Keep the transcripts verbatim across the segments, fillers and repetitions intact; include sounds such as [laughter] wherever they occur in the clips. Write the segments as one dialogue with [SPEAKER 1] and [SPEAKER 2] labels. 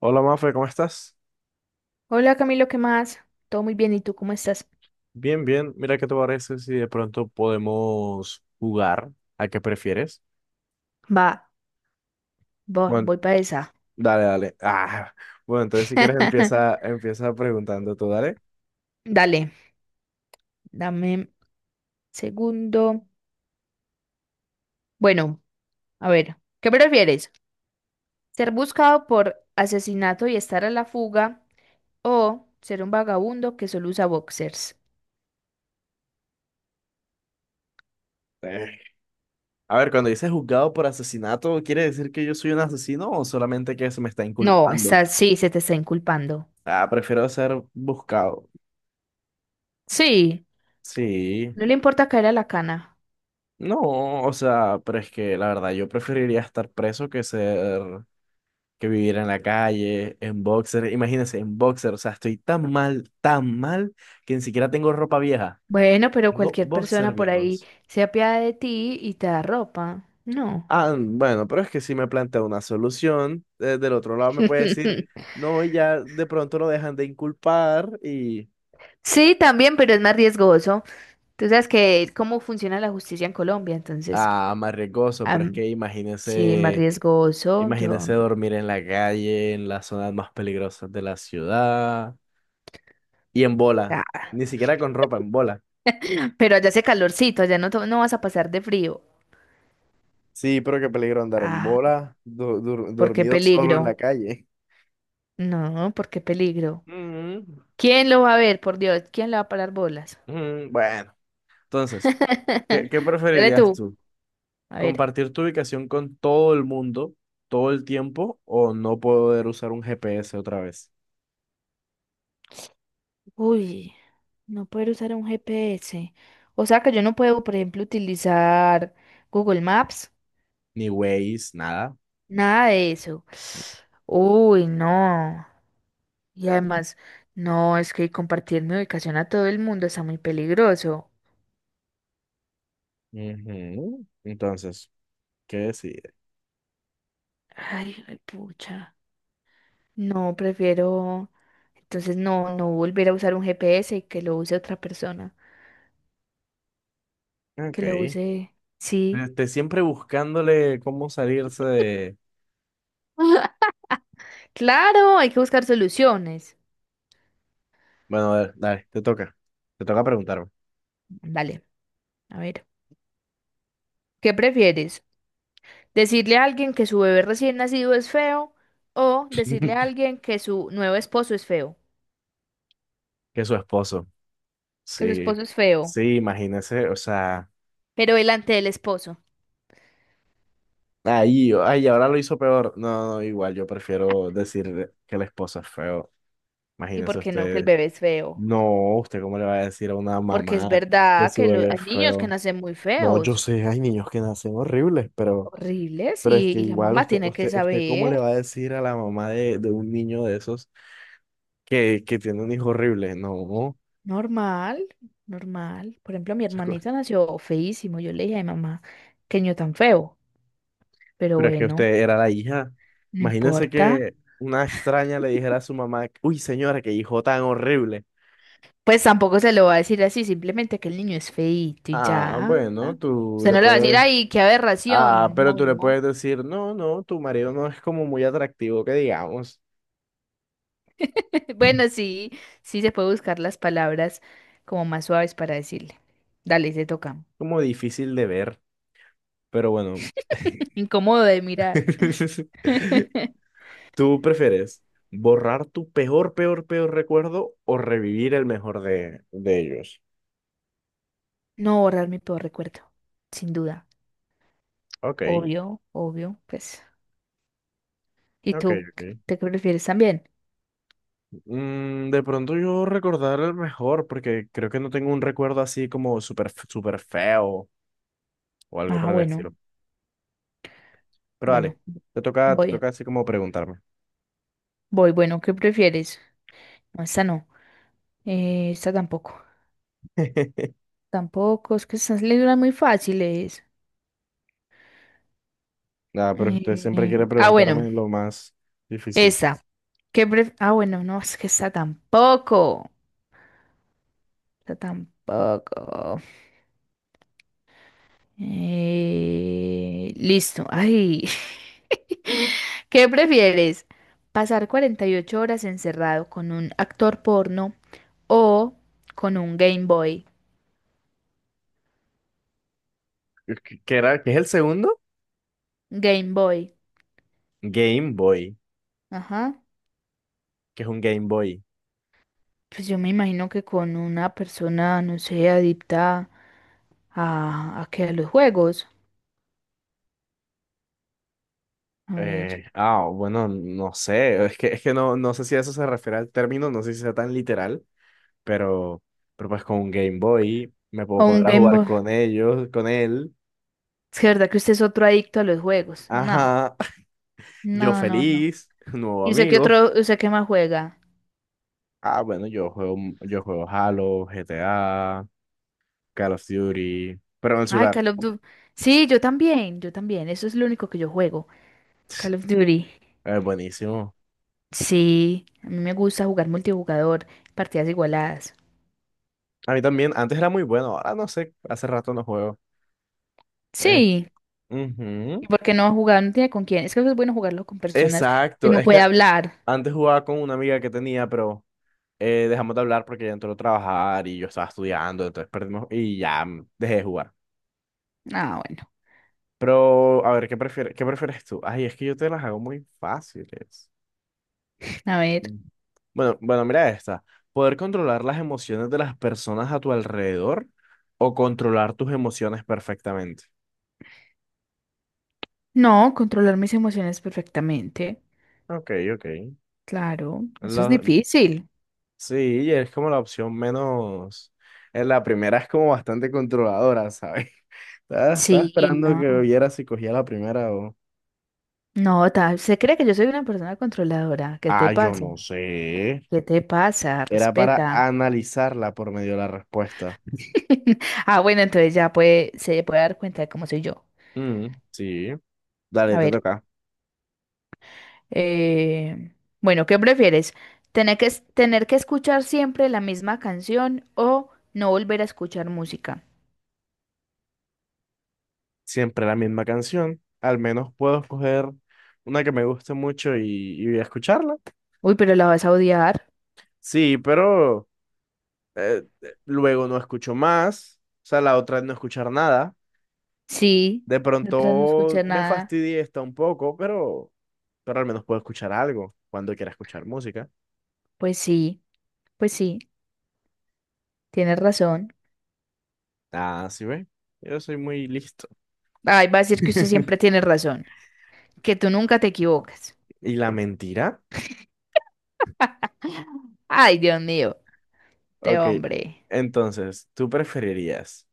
[SPEAKER 1] Hola Mafe, ¿cómo estás?
[SPEAKER 2] Hola Camilo, ¿qué más? Todo muy bien, ¿y tú cómo estás?
[SPEAKER 1] Bien, bien. Mira, ¿qué te parece si de pronto podemos jugar a qué prefieres?
[SPEAKER 2] Va, va,
[SPEAKER 1] Bueno,
[SPEAKER 2] voy para esa.
[SPEAKER 1] dale, dale. Ah, bueno, entonces si quieres empieza,
[SPEAKER 2] [laughs]
[SPEAKER 1] empieza preguntando tú, dale.
[SPEAKER 2] Dale, dame un segundo. Bueno, a ver, ¿qué prefieres? ¿Ser buscado por asesinato y estar a la fuga o ser un vagabundo que solo usa boxers?
[SPEAKER 1] Eh, A ver, cuando dices juzgado por asesinato, ¿quiere decir que yo soy un asesino o solamente que se me está
[SPEAKER 2] No,
[SPEAKER 1] inculpando?
[SPEAKER 2] está, sí, se te está inculpando.
[SPEAKER 1] Ah, prefiero ser buscado.
[SPEAKER 2] Sí,
[SPEAKER 1] Sí.
[SPEAKER 2] no le importa caer a la cana.
[SPEAKER 1] No, o sea, pero es que la verdad yo preferiría estar preso que ser que vivir en la calle, en boxer, imagínense, en boxer, o sea, estoy tan mal, tan mal, que ni siquiera tengo ropa vieja,
[SPEAKER 2] Bueno, pero
[SPEAKER 1] tengo
[SPEAKER 2] cualquier
[SPEAKER 1] boxer
[SPEAKER 2] persona por ahí
[SPEAKER 1] viejos.
[SPEAKER 2] se apiada de ti y te da ropa. No.
[SPEAKER 1] Ah, bueno, pero es que si me plantea una solución, eh, del otro lado me puede decir,
[SPEAKER 2] [laughs]
[SPEAKER 1] no, y ya de pronto lo dejan de inculpar y...
[SPEAKER 2] Sí, también, pero es más riesgoso. Tú sabes que cómo funciona la justicia en Colombia, entonces,
[SPEAKER 1] Ah, más riesgoso, pero es
[SPEAKER 2] am,
[SPEAKER 1] que
[SPEAKER 2] sí, más
[SPEAKER 1] imagínense,
[SPEAKER 2] riesgoso.
[SPEAKER 1] imagínense
[SPEAKER 2] Yo,
[SPEAKER 1] dormir en la calle, en las zonas más peligrosas de la ciudad, y en bola,
[SPEAKER 2] ah,
[SPEAKER 1] ni siquiera con ropa, en bola.
[SPEAKER 2] pero allá hace calorcito, allá no, to- no vas a pasar de frío.
[SPEAKER 1] Sí, pero qué peligro andar en
[SPEAKER 2] Ah,
[SPEAKER 1] bola, du- dur-
[SPEAKER 2] ¿por qué
[SPEAKER 1] dormido solo en la
[SPEAKER 2] peligro?
[SPEAKER 1] calle.
[SPEAKER 2] No, ¿por qué peligro?
[SPEAKER 1] Mm,
[SPEAKER 2] ¿Quién lo va a ver, por Dios? ¿Quién le va a parar bolas?
[SPEAKER 1] mm, bueno, entonces, ¿qué,
[SPEAKER 2] [laughs]
[SPEAKER 1] qué
[SPEAKER 2] Dale
[SPEAKER 1] preferirías
[SPEAKER 2] tú.
[SPEAKER 1] tú?
[SPEAKER 2] A ver.
[SPEAKER 1] ¿Compartir tu ubicación con todo el mundo todo el tiempo o no poder usar un G P S otra vez?
[SPEAKER 2] Uy, no poder usar un G P S. O sea que yo no puedo, por ejemplo, utilizar Google Maps.
[SPEAKER 1] Ni Waze, nada.
[SPEAKER 2] Nada de eso. Uy, no. Y además, no, es que compartir mi ubicación a todo el mundo está muy peligroso.
[SPEAKER 1] Ujú. Entonces, ¿qué decir?
[SPEAKER 2] Ay, ay, pucha. No, prefiero. Entonces, no, no volver a usar un G P S y que lo use otra persona.
[SPEAKER 1] Ok.
[SPEAKER 2] Que lo use. Sí.
[SPEAKER 1] Este, siempre buscándole cómo salirse de...
[SPEAKER 2] Claro, hay que buscar soluciones.
[SPEAKER 1] Bueno, a ver, dale, te toca. Te toca preguntarme.
[SPEAKER 2] Dale, a ver. ¿Qué prefieres? ¿Decirle a alguien que su bebé recién nacido es feo o decirle a
[SPEAKER 1] [laughs]
[SPEAKER 2] alguien que su nuevo esposo es feo?
[SPEAKER 1] Que es su esposo.
[SPEAKER 2] Que su
[SPEAKER 1] Sí,
[SPEAKER 2] esposo es feo.
[SPEAKER 1] sí, imagínese, o sea,
[SPEAKER 2] Pero delante del esposo.
[SPEAKER 1] ahí, ay, ahora lo hizo peor. No, no, igual, yo prefiero decir que la esposa es feo.
[SPEAKER 2] ¿Y
[SPEAKER 1] Imagínese
[SPEAKER 2] por qué no que el
[SPEAKER 1] usted,
[SPEAKER 2] bebé es feo?
[SPEAKER 1] no, usted cómo le va a decir a una
[SPEAKER 2] Porque es
[SPEAKER 1] mamá que
[SPEAKER 2] verdad
[SPEAKER 1] su
[SPEAKER 2] que lo-
[SPEAKER 1] bebé es
[SPEAKER 2] hay niños que
[SPEAKER 1] feo.
[SPEAKER 2] nacen muy
[SPEAKER 1] No, yo
[SPEAKER 2] feos,
[SPEAKER 1] sé, hay niños que nacen horribles, pero,
[SPEAKER 2] horribles,
[SPEAKER 1] pero es
[SPEAKER 2] y,
[SPEAKER 1] que
[SPEAKER 2] y la
[SPEAKER 1] igual
[SPEAKER 2] mamá
[SPEAKER 1] usted,
[SPEAKER 2] tiene que
[SPEAKER 1] usted, usted cómo le va
[SPEAKER 2] saber.
[SPEAKER 1] a decir a la mamá de, de un niño de esos que, que tiene un hijo horrible. No.
[SPEAKER 2] Normal, normal. Por ejemplo, mi hermanito nació feísimo. Yo le dije a mamá, qué niño tan feo. Pero
[SPEAKER 1] Pero es que
[SPEAKER 2] bueno,
[SPEAKER 1] usted era la hija.
[SPEAKER 2] no
[SPEAKER 1] Imagínese
[SPEAKER 2] importa.
[SPEAKER 1] que una extraña le dijera a su mamá, uy, señora, qué hijo tan horrible.
[SPEAKER 2] Pues tampoco se lo va a decir así, simplemente que el niño es feíto y
[SPEAKER 1] Ah,
[SPEAKER 2] ya.
[SPEAKER 1] bueno, tú
[SPEAKER 2] Usted
[SPEAKER 1] le
[SPEAKER 2] no le va a decir,
[SPEAKER 1] puedes.
[SPEAKER 2] ay, qué
[SPEAKER 1] Ah,
[SPEAKER 2] aberración.
[SPEAKER 1] pero
[SPEAKER 2] No,
[SPEAKER 1] tú le
[SPEAKER 2] no.
[SPEAKER 1] puedes decir, no, no, tu marido no es como muy atractivo, que digamos,
[SPEAKER 2] Bueno, sí, sí se puede buscar las palabras como más suaves para decirle. Dale, se toca.
[SPEAKER 1] como difícil de ver. Pero bueno,
[SPEAKER 2] [laughs] Incómodo de mirar.
[SPEAKER 1] [laughs]
[SPEAKER 2] [laughs]
[SPEAKER 1] ¿tú prefieres borrar tu peor, peor, peor recuerdo o revivir el mejor de, de ellos?
[SPEAKER 2] No borrar mi peor recuerdo, sin duda.
[SPEAKER 1] Ok,
[SPEAKER 2] Obvio, obvio, pues. ¿Y
[SPEAKER 1] ok,
[SPEAKER 2] tú? ¿Qué-
[SPEAKER 1] ok.
[SPEAKER 2] ¿Te qué prefieres también?
[SPEAKER 1] Mm, de pronto yo recordar el mejor, porque creo que no tengo un recuerdo así como súper f- súper feo o algo
[SPEAKER 2] Ah,
[SPEAKER 1] por el
[SPEAKER 2] bueno,
[SPEAKER 1] estilo. Pero dale,
[SPEAKER 2] bueno,
[SPEAKER 1] te toca, te
[SPEAKER 2] voy,
[SPEAKER 1] toca así como preguntarme.
[SPEAKER 2] voy, bueno, ¿qué prefieres? No, esta no. Eh, esta tampoco.
[SPEAKER 1] [laughs]
[SPEAKER 2] Tampoco, es que estas le duran muy fáciles.
[SPEAKER 1] Nada, pero usted siempre
[SPEAKER 2] Eh,
[SPEAKER 1] quiere
[SPEAKER 2] ah, bueno,
[SPEAKER 1] preguntarme lo más difícil.
[SPEAKER 2] esta. ¿Qué pref- ah, bueno, no, es que esta tampoco. Yo tampoco. Eh, listo. Ay. [laughs] ¿Qué prefieres? ¿Pasar cuarenta y ocho horas encerrado con un actor porno o con un Game Boy?
[SPEAKER 1] ¿Qué qué era? ¿Qué es el segundo?
[SPEAKER 2] Game Boy.
[SPEAKER 1] Game Boy.
[SPEAKER 2] Ajá.
[SPEAKER 1] ¿Qué es un Game Boy?
[SPEAKER 2] Pues yo me imagino que con una persona, no sé, adicta a, a qué, a los juegos. A ver.
[SPEAKER 1] Eh, ah, bueno, no sé. Es que, es que no, no sé si a eso se refiere al término, no sé si sea tan literal, pero, pero pues con un Game Boy me puedo
[SPEAKER 2] O un
[SPEAKER 1] poner a
[SPEAKER 2] Game
[SPEAKER 1] jugar
[SPEAKER 2] Boy.
[SPEAKER 1] con ellos, con él.
[SPEAKER 2] Es que verdad que usted es otro adicto a los juegos. No,
[SPEAKER 1] Ajá. Yo
[SPEAKER 2] no, no, no.
[SPEAKER 1] feliz, [laughs] nuevo
[SPEAKER 2] ¿Y usted qué
[SPEAKER 1] amigo.
[SPEAKER 2] otro, usted qué más juega?
[SPEAKER 1] Ah, bueno, yo juego, yo juego Halo, G T A Call of Duty, pero en el
[SPEAKER 2] Ay,
[SPEAKER 1] celular.
[SPEAKER 2] Call of Duty. Sí, yo también, yo también. Eso es lo único que yo juego. Call of Duty.
[SPEAKER 1] Es buenísimo.
[SPEAKER 2] Sí, a mí me gusta jugar multijugador, partidas igualadas.
[SPEAKER 1] A mí también, antes era muy bueno, ahora no sé, hace rato no juego. Es-
[SPEAKER 2] Sí, ¿y
[SPEAKER 1] Ujú.
[SPEAKER 2] por qué no jugar? No tiene con quién. Es que es bueno jugarlo con personas que
[SPEAKER 1] Exacto,
[SPEAKER 2] uno
[SPEAKER 1] es
[SPEAKER 2] puede
[SPEAKER 1] que
[SPEAKER 2] hablar.
[SPEAKER 1] antes jugaba con una amiga que tenía, pero eh, dejamos de hablar porque ella entró a trabajar y yo estaba estudiando, entonces perdimos y ya mm, dejé de jugar.
[SPEAKER 2] Ah, bueno.
[SPEAKER 1] Pero, a ver, ¿qué prefieres, ¿qué prefieres tú? Ay, es que yo te las hago muy fáciles.
[SPEAKER 2] A ver.
[SPEAKER 1] Bueno, bueno, mira esta. Poder controlar las emociones de las personas a tu alrededor o controlar tus emociones perfectamente.
[SPEAKER 2] No, controlar mis emociones perfectamente.
[SPEAKER 1] Ok, ok.
[SPEAKER 2] Claro, eso es
[SPEAKER 1] La-
[SPEAKER 2] difícil.
[SPEAKER 1] sí, es como la opción menos. En la primera es como bastante controladora, ¿sabes? [laughs] Estaba, estaba
[SPEAKER 2] Sí,
[SPEAKER 1] esperando
[SPEAKER 2] no.
[SPEAKER 1] que viera si cogía la primera o.
[SPEAKER 2] No, ta- se cree que yo soy una persona controladora. ¿Qué te
[SPEAKER 1] Ah, yo
[SPEAKER 2] pasa?
[SPEAKER 1] no sé.
[SPEAKER 2] ¿Qué te pasa?
[SPEAKER 1] Era para
[SPEAKER 2] Respeta.
[SPEAKER 1] analizarla por medio de la respuesta.
[SPEAKER 2] [laughs] Ah, bueno, entonces ya puede, se puede dar cuenta de cómo soy yo.
[SPEAKER 1] Mm, sí.
[SPEAKER 2] A
[SPEAKER 1] Dale, te
[SPEAKER 2] ver.
[SPEAKER 1] toca.
[SPEAKER 2] eh, bueno, ¿qué prefieres? ¿Tener que, es- ¿tener que escuchar siempre la misma canción o no volver a escuchar música?
[SPEAKER 1] Siempre la misma canción. Al menos puedo escoger una que me guste mucho y, y escucharla.
[SPEAKER 2] Uy, pero la vas a odiar.
[SPEAKER 1] Sí, pero eh, eh, luego no escucho más. O sea, la otra es no escuchar nada.
[SPEAKER 2] Sí,
[SPEAKER 1] De
[SPEAKER 2] detrás no
[SPEAKER 1] pronto
[SPEAKER 2] escuchar
[SPEAKER 1] me
[SPEAKER 2] nada.
[SPEAKER 1] fastidié esta un poco, pero, pero al menos puedo escuchar algo cuando quiera escuchar música.
[SPEAKER 2] Pues sí, pues sí, tienes razón.
[SPEAKER 1] Ah, sí, ve. Yo soy muy listo.
[SPEAKER 2] Ay, va a decir que usted siempre
[SPEAKER 1] [laughs]
[SPEAKER 2] tiene razón, que tú nunca te equivocas.
[SPEAKER 1] ¿Y la mentira?
[SPEAKER 2] Ay, Dios mío, te
[SPEAKER 1] Ok.
[SPEAKER 2] hombre.
[SPEAKER 1] Entonces, ¿tú preferirías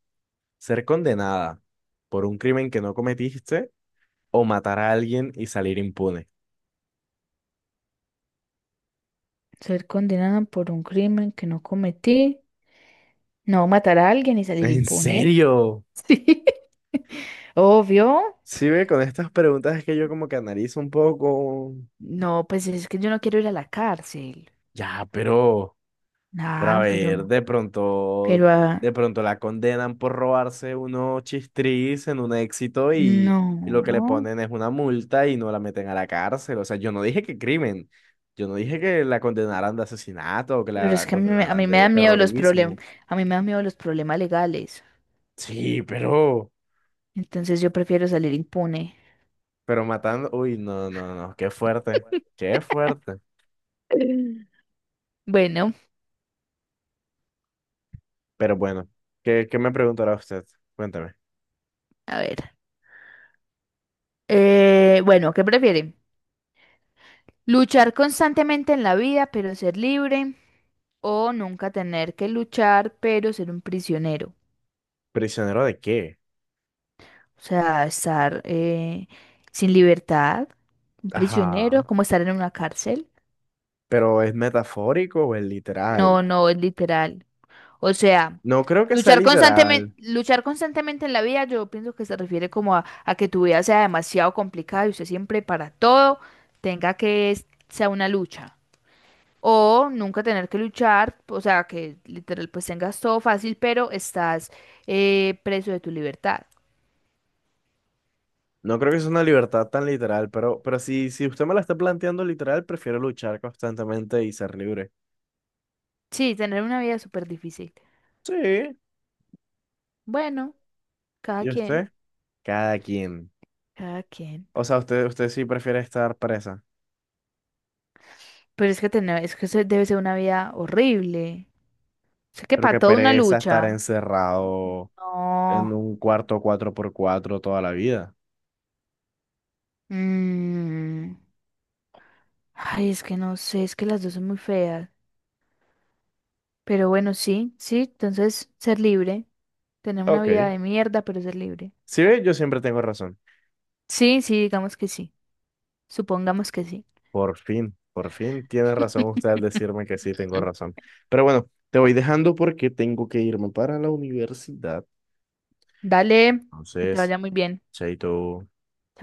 [SPEAKER 1] ser condenada por un crimen que no cometiste o matar a alguien y salir impune?
[SPEAKER 2] Ser condenada por un crimen que no cometí. No matar a alguien y
[SPEAKER 1] [laughs]
[SPEAKER 2] salir
[SPEAKER 1] ¿En
[SPEAKER 2] impune.
[SPEAKER 1] serio?
[SPEAKER 2] [laughs] Sí. Obvio.
[SPEAKER 1] Sí, ve, con estas preguntas es que yo como que analizo un poco.
[SPEAKER 2] No, pues es que yo no quiero ir a la cárcel.
[SPEAKER 1] Ya, pero, pero a
[SPEAKER 2] Nah, pero,
[SPEAKER 1] ver, de pronto,
[SPEAKER 2] pero, ah,
[SPEAKER 1] de pronto la condenan por robarse unos chistris en un éxito y, y lo que le
[SPEAKER 2] no.
[SPEAKER 1] ponen es una multa y no la meten a la cárcel. O sea, yo no dije que crimen, yo no dije que la condenaran de asesinato o que
[SPEAKER 2] Pero
[SPEAKER 1] la
[SPEAKER 2] es que a mí, me- a
[SPEAKER 1] condenaran
[SPEAKER 2] mí me
[SPEAKER 1] de
[SPEAKER 2] dan miedo los problemas,
[SPEAKER 1] terrorismo.
[SPEAKER 2] a mí me dan miedo los problemas legales.
[SPEAKER 1] Sí, pero,
[SPEAKER 2] Entonces yo prefiero salir impune.
[SPEAKER 1] Pero matando, uy, no, no, no, qué fuerte,
[SPEAKER 2] [laughs]
[SPEAKER 1] qué fuerte.
[SPEAKER 2] Bueno,
[SPEAKER 1] Pero bueno, ¿qué, qué me preguntará usted? Cuéntame.
[SPEAKER 2] a ver. Eh, bueno, ¿qué prefieren? ¿Luchar constantemente en la vida, pero ser libre? ¿O nunca tener que luchar, pero ser un prisionero?
[SPEAKER 1] ¿Prisionero de qué?
[SPEAKER 2] O sea, estar eh, sin libertad, un
[SPEAKER 1] Ajá.
[SPEAKER 2] prisionero, como estar en una cárcel.
[SPEAKER 1] ¿Pero es metafórico o es literal?
[SPEAKER 2] No, no, es literal. O sea,
[SPEAKER 1] No creo que sea
[SPEAKER 2] luchar constantemente,
[SPEAKER 1] literal.
[SPEAKER 2] luchar constantemente en la vida, yo pienso que se refiere como a, a que tu vida sea demasiado complicada y usted siempre para todo tenga que es- sea una lucha. O nunca tener que luchar, o sea, que literal pues tengas todo fácil, pero estás eh, preso de tu libertad.
[SPEAKER 1] No creo que sea una libertad tan literal, pero, pero si, si usted me la está planteando literal, prefiero luchar constantemente y ser libre.
[SPEAKER 2] Sí, tener una vida súper difícil.
[SPEAKER 1] Sí.
[SPEAKER 2] Bueno, cada
[SPEAKER 1] ¿Y
[SPEAKER 2] quien.
[SPEAKER 1] usted? Cada quien.
[SPEAKER 2] Cada quien.
[SPEAKER 1] O sea, usted, usted sí prefiere estar presa.
[SPEAKER 2] Pero es que tener, es que eso debe ser una vida horrible. O sea, que
[SPEAKER 1] Pero
[SPEAKER 2] para
[SPEAKER 1] que
[SPEAKER 2] toda una
[SPEAKER 1] pereza estar
[SPEAKER 2] lucha.
[SPEAKER 1] encerrado
[SPEAKER 2] No.
[SPEAKER 1] en un cuarto cuatro por cuatro toda la vida.
[SPEAKER 2] Mm. Ay, es que no sé, es que las dos son muy feas. Pero bueno, sí, sí, entonces ser libre. Tener una vida
[SPEAKER 1] Ok.
[SPEAKER 2] de mierda, pero ser libre.
[SPEAKER 1] Si ve, yo siempre tengo razón.
[SPEAKER 2] Sí, sí, digamos que sí. Supongamos que sí.
[SPEAKER 1] Por fin, por fin tiene razón usted al decirme que sí tengo
[SPEAKER 2] [laughs]
[SPEAKER 1] razón. Pero bueno, te voy dejando porque tengo que irme para la universidad.
[SPEAKER 2] Dale, que te
[SPEAKER 1] Entonces,
[SPEAKER 2] vaya muy bien.
[SPEAKER 1] chaito.